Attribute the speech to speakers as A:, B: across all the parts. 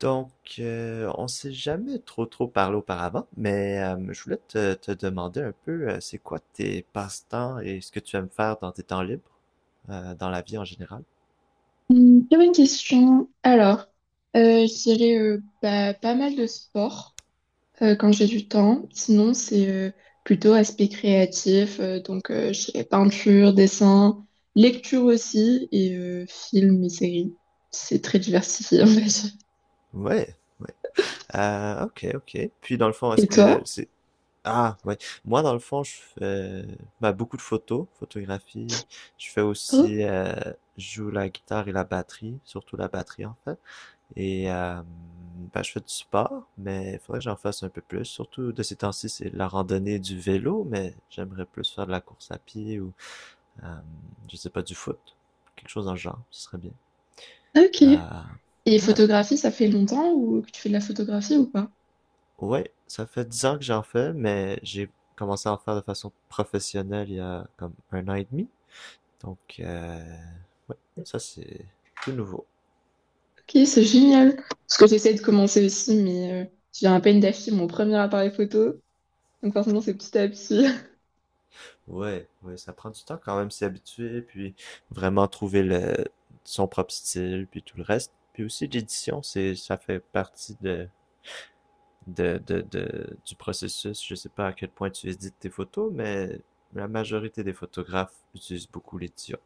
A: On s'est jamais trop parlé auparavant, mais je voulais te demander un peu, c'est quoi tes passe-temps et ce que tu aimes faire dans tes temps libres, dans la vie en général?
B: Très bonne question. Alors, je dirais pas mal de sport quand j'ai du temps. Sinon, c'est plutôt aspect créatif. Donc, je dirais peinture, dessin, lecture aussi et films et séries. C'est très diversifié, on va
A: Ouais, ouais. Ok, ok. Puis dans le fond, est-ce
B: Et
A: que
B: toi?
A: c'est... Ah, ouais. Moi, dans le fond, je fais beaucoup de photos, photographie. Je fais
B: Oh,
A: aussi, je joue la guitare et la batterie, surtout la batterie en fait. Et euh, je fais du sport, mais il faudrait que j'en fasse un peu plus. Surtout de ces temps-ci, c'est la randonnée du vélo, mais j'aimerais plus faire de la course à pied ou, euh, je sais pas, du foot. Quelque chose dans le genre, ce serait bien.
B: ok.
A: Euh,
B: Et
A: ouais,
B: photographie, ça fait longtemps ou que tu fais de la photographie ou pas?
A: ouais, ça fait 10 ans que j'en fais, mais j'ai commencé à en faire de façon professionnelle il y a comme 1 an et demi. Donc, euh, ouais, ça c'est tout nouveau.
B: Ok, c'est génial. Parce que j'essaie de commencer aussi, mais je viens à peine d'acheter mon premier appareil photo. Donc forcément, c'est petit à petit.
A: Ouais, ouais, ça prend du temps quand même s'y habituer, puis vraiment trouver le son propre style, puis tout le reste. Puis aussi l'édition, c'est ça fait partie du processus. Je sais pas à quel point tu édites tes photos, mais la majorité des photographes utilisent beaucoup l'édition.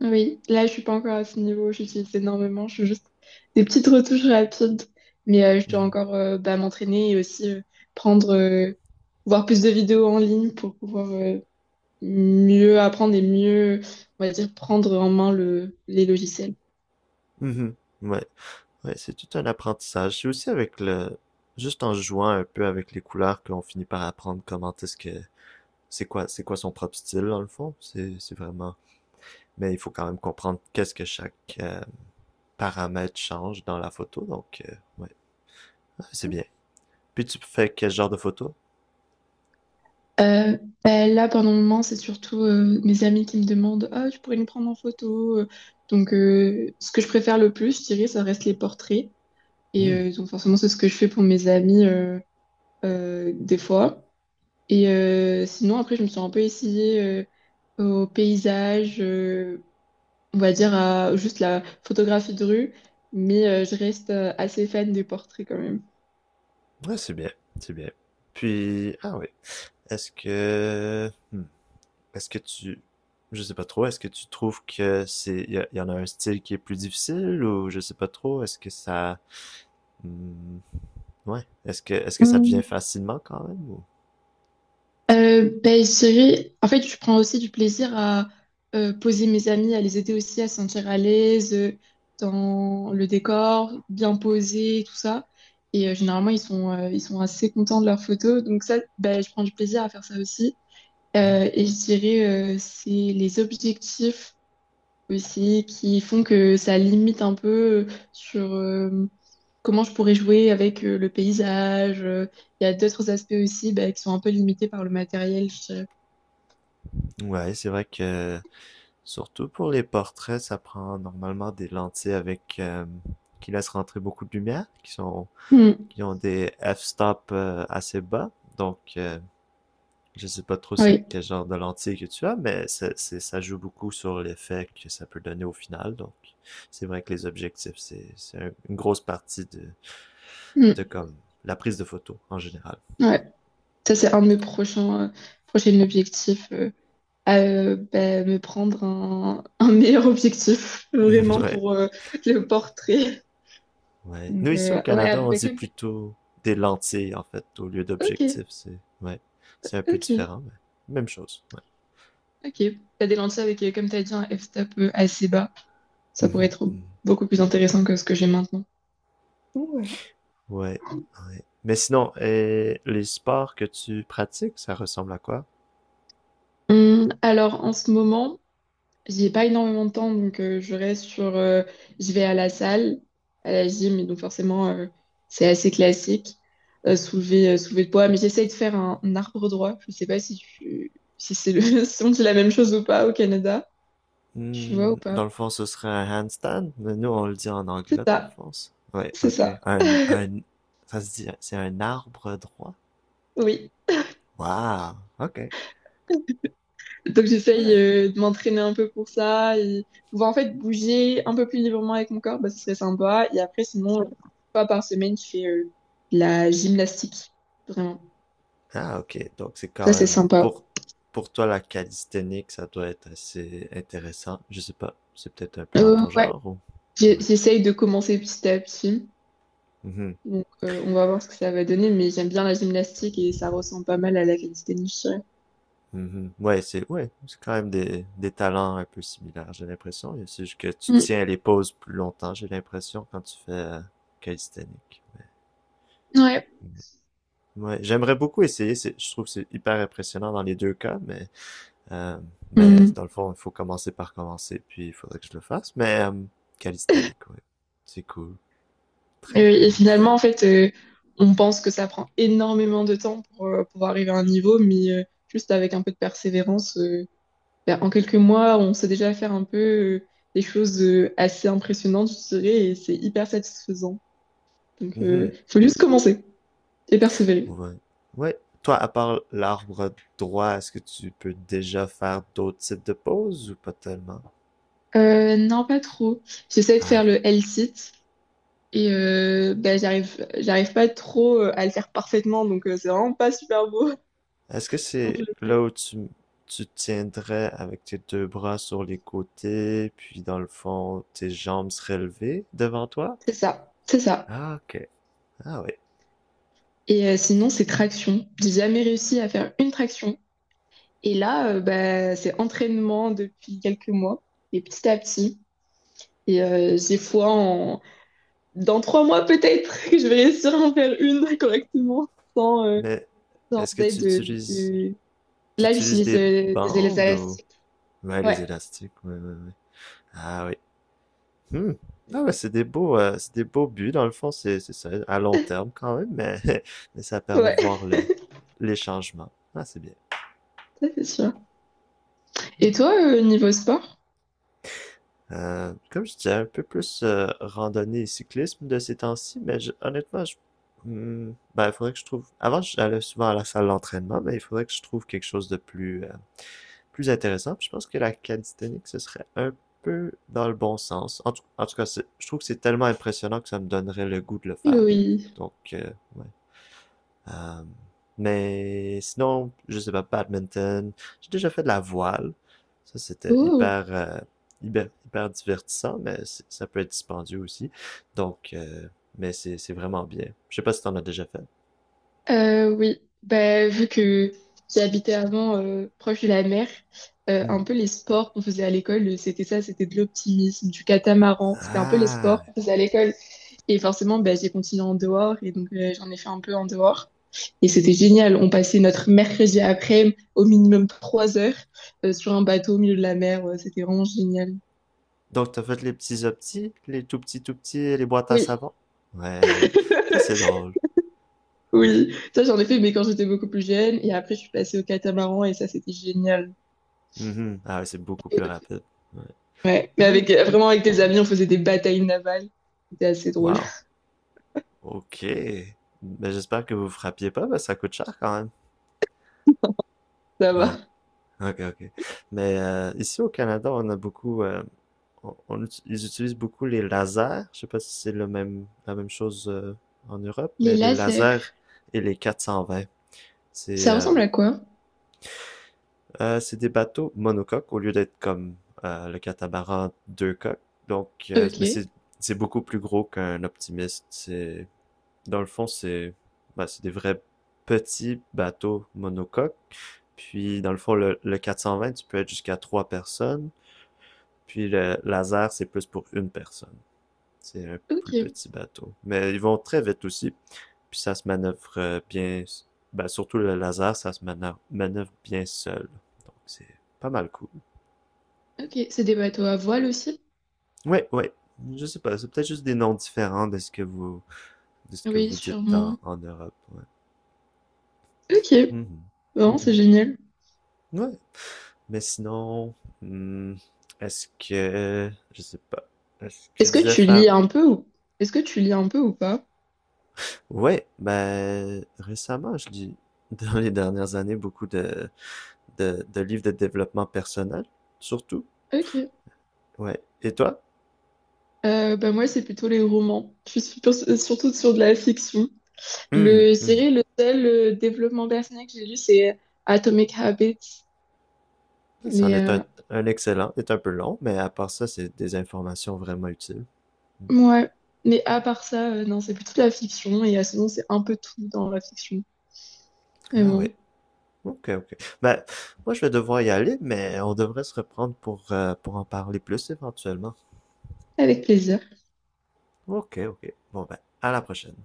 B: Oui, là, je suis pas encore à ce niveau. J'utilise énormément. Je fais juste des petites retouches rapides. Mais je dois
A: Mhm.
B: encore m'entraîner et aussi prendre, voir plus de vidéos en ligne pour pouvoir mieux apprendre et mieux, on va dire, prendre en main le, les logiciels.
A: Mhm. Ouais, ouais, c'est tout un apprentissage. C'est aussi avec le, juste en jouant un peu avec les couleurs qu'on finit par apprendre comment est-ce que, c'est quoi son propre style dans le fond. C'est vraiment mais il faut quand même comprendre qu'est-ce que chaque paramètre change dans la photo. Ah, c'est bien. Puis tu fais quel genre de photo?
B: Euh, là, pendant le moment, c'est surtout mes amis qui me demandent, Ah, tu pourrais me prendre en photo. Donc, ce que je préfère le plus, je dirais, ça reste les portraits. Et
A: Hmm.
B: donc, forcément, c'est ce que je fais pour mes amis des fois. Et sinon, après, je me suis un peu essayée au paysage, on va dire à juste la photographie de rue, mais je reste assez fan des portraits quand même.
A: Ouais, c'est bien, c'est bien. Puis, ah oui, est-ce que, est-ce que je sais pas trop, est-ce que tu trouves que c'est, il y, y en a un style qui est plus difficile ou je sais pas trop, est-ce que ça, hmm, ouais, est-ce que ça devient
B: Mm.
A: facilement quand même ou?
B: Ben, je dirais- en fait, je prends aussi du plaisir à poser mes amis, à les aider aussi à se sentir à l'aise dans le décor, bien posé, tout ça. Et généralement, ils sont assez contents de leurs photos. Donc ça, ben, je prends du plaisir à faire ça aussi.
A: Hmm.
B: Et je dirais, c'est les objectifs aussi qui font que ça limite un peu sur comment je pourrais jouer avec le paysage. Il y a d'autres aspects aussi bah, qui sont un peu limités par le matériel, je dirais.
A: Ouais, c'est vrai que surtout pour les portraits, ça prend normalement des lentilles avec qui laissent rentrer beaucoup de lumière,
B: Hmm,
A: qui ont des f-stop assez bas. Donc euh, je sais pas trop c'est
B: oui,
A: quel genre de lentille que tu as, mais ça joue beaucoup sur l'effet que ça peut donner au final. Donc c'est vrai que les objectifs, c'est une grosse partie de
B: hmm,
A: comme la prise de photo en général.
B: ouais. Ça, c'est un de mes prochains, prochains objectifs. À, bah, me prendre un, un meilleur objectif, vraiment,
A: Ouais.
B: pour le portrait.
A: Ouais. Nous,
B: Donc,
A: ici au Canada,
B: ouais,
A: on
B: bah,
A: dit
B: comme t'as-
A: plutôt des lentilles, en fait, au lieu
B: Ok,
A: d'objectif. C'est ouais. C'est un peu
B: ok.
A: différent, mais même chose. Ouais.
B: Ok. T'as des lentilles avec, comme t'as dit, un f-stop assez bas. Ça pourrait
A: Mhm,
B: être
A: mhm.
B: beaucoup plus intéressant que ce que j'ai maintenant. Donc, Voilà.
A: Ouais, ouais. Mais sinon, et les sports que tu pratiques, ça ressemble à quoi?
B: Alors en ce moment, j'ai pas énormément de temps, donc je reste sur. Je vais à la salle, à la gym, et donc forcément, c'est assez classique. Soulever, soulever de poids, mais j'essaye de faire un arbre droit. Je sais pas si tu, si c'est le, si on dit la même chose ou pas au Canada. Tu vois ou
A: Hmm,
B: pas?
A: dans le fond, ce serait un handstand, mais nous, on le dit en
B: C'est
A: anglais, dans le
B: ça,
A: fond. Ça. Ouais,
B: c'est
A: ok.
B: ça.
A: Ça se dit, c'est un arbre droit?
B: Oui.
A: Wow, ok.
B: Donc j'essaye
A: Ouais,
B: de m'entraîner un peu pour ça et pouvoir en fait bouger un peu plus librement avec mon corps, bah, ce serait sympa. Et après, sinon, une fois par semaine, je fais de la gymnastique. Vraiment.
A: ah, ok. Donc, c'est
B: Ça,
A: quand
B: c'est
A: même,
B: sympa.
A: pour toi, la calisthénie, ça doit être assez intéressant. Je sais pas. C'est peut-être un peu dans ton
B: Ouais,
A: genre ou?
B: J'ai-
A: Ouais.
B: j'essaye de commencer petit à petit.
A: Mhm,
B: Donc on va voir ce que ça va donner, mais j'aime bien la gymnastique et ça ressemble pas mal à la calisthénie, je dirais.
A: mhm. Ouais, c'est quand même des talents un peu similaires, j'ai l'impression. C'est juste que tu tiens les pauses plus longtemps, j'ai l'impression, quand tu fais calisthénique.
B: Mm, ouais.
A: Ouais, j'aimerais beaucoup essayer. Je trouve que c'est hyper impressionnant dans les deux cas, euh, mais
B: Mm.
A: dans le fond, il faut commencer par commencer, puis il faudrait que je le fasse. Mais, calisthénique, ouais. C'est cool. Très
B: Et
A: cool.
B: finalement, en fait, on pense que ça prend énormément de temps pour arriver à un niveau, mais juste avec un peu de persévérance. Ben, en quelques mois, on sait déjà faire un peu des choses assez impressionnantes, je dirais, et c'est hyper satisfaisant. Donc,
A: Mhm.
B: faut juste commencer et persévérer.
A: Ouais. Ouais. Toi, à part l'arbre droit, est-ce que tu peux déjà faire d'autres types de poses ou pas tellement?
B: Non, pas trop. J'essaie de
A: Ah,
B: faire
A: ok.
B: le L-sit et ben, j'arrive pas trop à le faire parfaitement, donc c'est vraiment pas super beau
A: Est-ce que
B: quand je
A: c'est
B: le fais.
A: là où Tu tiendrais avec tes deux bras sur les côtés, puis dans le fond, tes jambes seraient levées devant toi?
B: C'est ça, c'est ça.
A: Ah, ok. Ah, oui.
B: Et sinon, c'est traction. J'ai jamais réussi à faire une traction. Et là, bah, c'est entraînement depuis quelques mois, et petit à petit. Et j'ai foi en, dans 3 mois peut-être que je vais réussir à en faire une correctement sans,
A: Mais
B: sans
A: est-ce que
B: aide de-
A: tu
B: Là,
A: utilises
B: j'utilise
A: des
B: des élèves
A: bandes ou?
B: élastiques.
A: Ouais,
B: Ouais,
A: les élastiques, ouais, ouais, ouais. Ah, oui. Hmm. Ah ouais, c'est des beaux buts, dans le fond, c'est ça, à long terme quand même, mais, mais ça permet de
B: ouais,
A: voir
B: ça,
A: les changements. Ah, c'est bien.
B: c'est sûr.
A: Hmm.
B: Et toi, niveau sport?
A: Comme je disais, un peu plus randonnée et cyclisme de ces temps-ci, mais honnêtement, il faudrait que je trouve. Avant, j'allais souvent à la salle d'entraînement, mais il faudrait que je trouve quelque chose de plus, plus intéressant. Puis je pense que la calisthénique, ce serait un peu dans le bon sens. En tout cas, je trouve que c'est tellement impressionnant que ça me donnerait le goût de le faire.
B: Oui.
A: Donc, euh, ouais. Euh, mais sinon, je sais pas, badminton. J'ai déjà fait de la voile. Ça, c'était
B: Oh,
A: hyper, hyper, hyper divertissant, mais ça peut être dispendieux aussi. Donc, euh, mais c'est vraiment bien. Je sais pas si t'en as déjà fait.
B: oui. Bah, vu que j'habitais avant proche de la mer,
A: Hmm.
B: un peu les sports qu'on faisait à l'école, c'était ça, c'était de l'optimisme, du catamaran. C'était un peu les
A: Ah,
B: sports qu'on faisait à l'école. Et forcément, bah, j'ai continué en dehors et donc j'en ai fait un peu en dehors. Et c'était génial. On passait notre mercredi après au minimum 3 heures sur un bateau au milieu de la mer. Ouais, c'était vraiment génial.
A: donc t'as fait les petits optis, les tout petits, les boîtes à
B: Oui,
A: savon. Ouais, ça c'est drôle. Ouais.
B: oui. Ça, j'en ai fait, mais quand j'étais beaucoup plus jeune. Et après, je suis passée au catamaran et ça, c'était génial.
A: Mhm. Ah ouais, c'est beaucoup plus rapide. Ouais.
B: Ouais. Mais avec,
A: Hmm.
B: vraiment, avec tes amis, on faisait des batailles navales. C'était assez drôle.
A: Wow. Ok. Mais j'espère que vous frappiez pas, parce que ça coûte cher quand même.
B: Ça
A: Ouais,
B: va.
A: ok, ok. Mais ici au Canada, on a beaucoup, ils utilisent beaucoup les lasers. Je sais pas si c'est le même, la même chose en Europe,
B: Les
A: mais les lasers
B: lasers.
A: et les 420, c'est
B: Ça
A: euh,
B: ressemble à quoi?
A: c'est des bateaux monocoques au lieu d'être comme le catamaran 2 coques. Mais
B: Ok,
A: c'est beaucoup plus gros qu'un optimiste. C'est dans le fond, c'est bah, c'est des vrais petits bateaux monocoques. Puis, dans le fond, le 420, tu peux être jusqu'à 3 personnes. Puis le laser, c'est plus pour une personne. C'est un plus
B: ok,
A: petit bateau. Mais ils vont très vite aussi. Puis ça se manœuvre bien. Ben, surtout le laser, manœuvre bien seul. Donc c'est pas mal cool.
B: ok. C'est des bateaux à voile aussi?
A: Oui, oui. Je sais pas. C'est peut-être juste des noms différents de ce que vous, de ce que
B: Oui,
A: vous dites
B: sûrement.
A: en Europe. Ouais.
B: Ok,
A: Mhm.
B: vraiment, c'est
A: Mhm.
B: génial.
A: Ouais. Mais sinon, hmm, est-ce que. Je sais pas. Est-ce que tu
B: Est-ce que
A: disais
B: tu
A: faire
B: lis un peu ou... Est-ce que tu lis un peu ou pas?
A: ouais, ben récemment, je lis dans les dernières années beaucoup de livres de développement personnel, surtout.
B: Ok.
A: Ouais. Et toi?
B: Bah moi, c'est plutôt les romans. Je suis super- surtout sur de la fiction.
A: Mhm,
B: Le, je
A: mhm.
B: dirais le seul développement personnel que j'ai lu, c'est Atomic Habits.
A: C'en
B: Mais,
A: est un excellent, est un peu long, mais à part ça, c'est des informations vraiment utiles.
B: ouais. Mais à part ça, non, c'est plutôt de la fiction. Et à ce moment, c'est un peu tout dans la fiction. Mais
A: Ah oui.
B: bon,
A: Ok, ok. Ben, moi, je vais devoir y aller, mais on devrait se reprendre pour en parler plus éventuellement.
B: avec plaisir.
A: Ok, ok. Bon, ben, à la prochaine.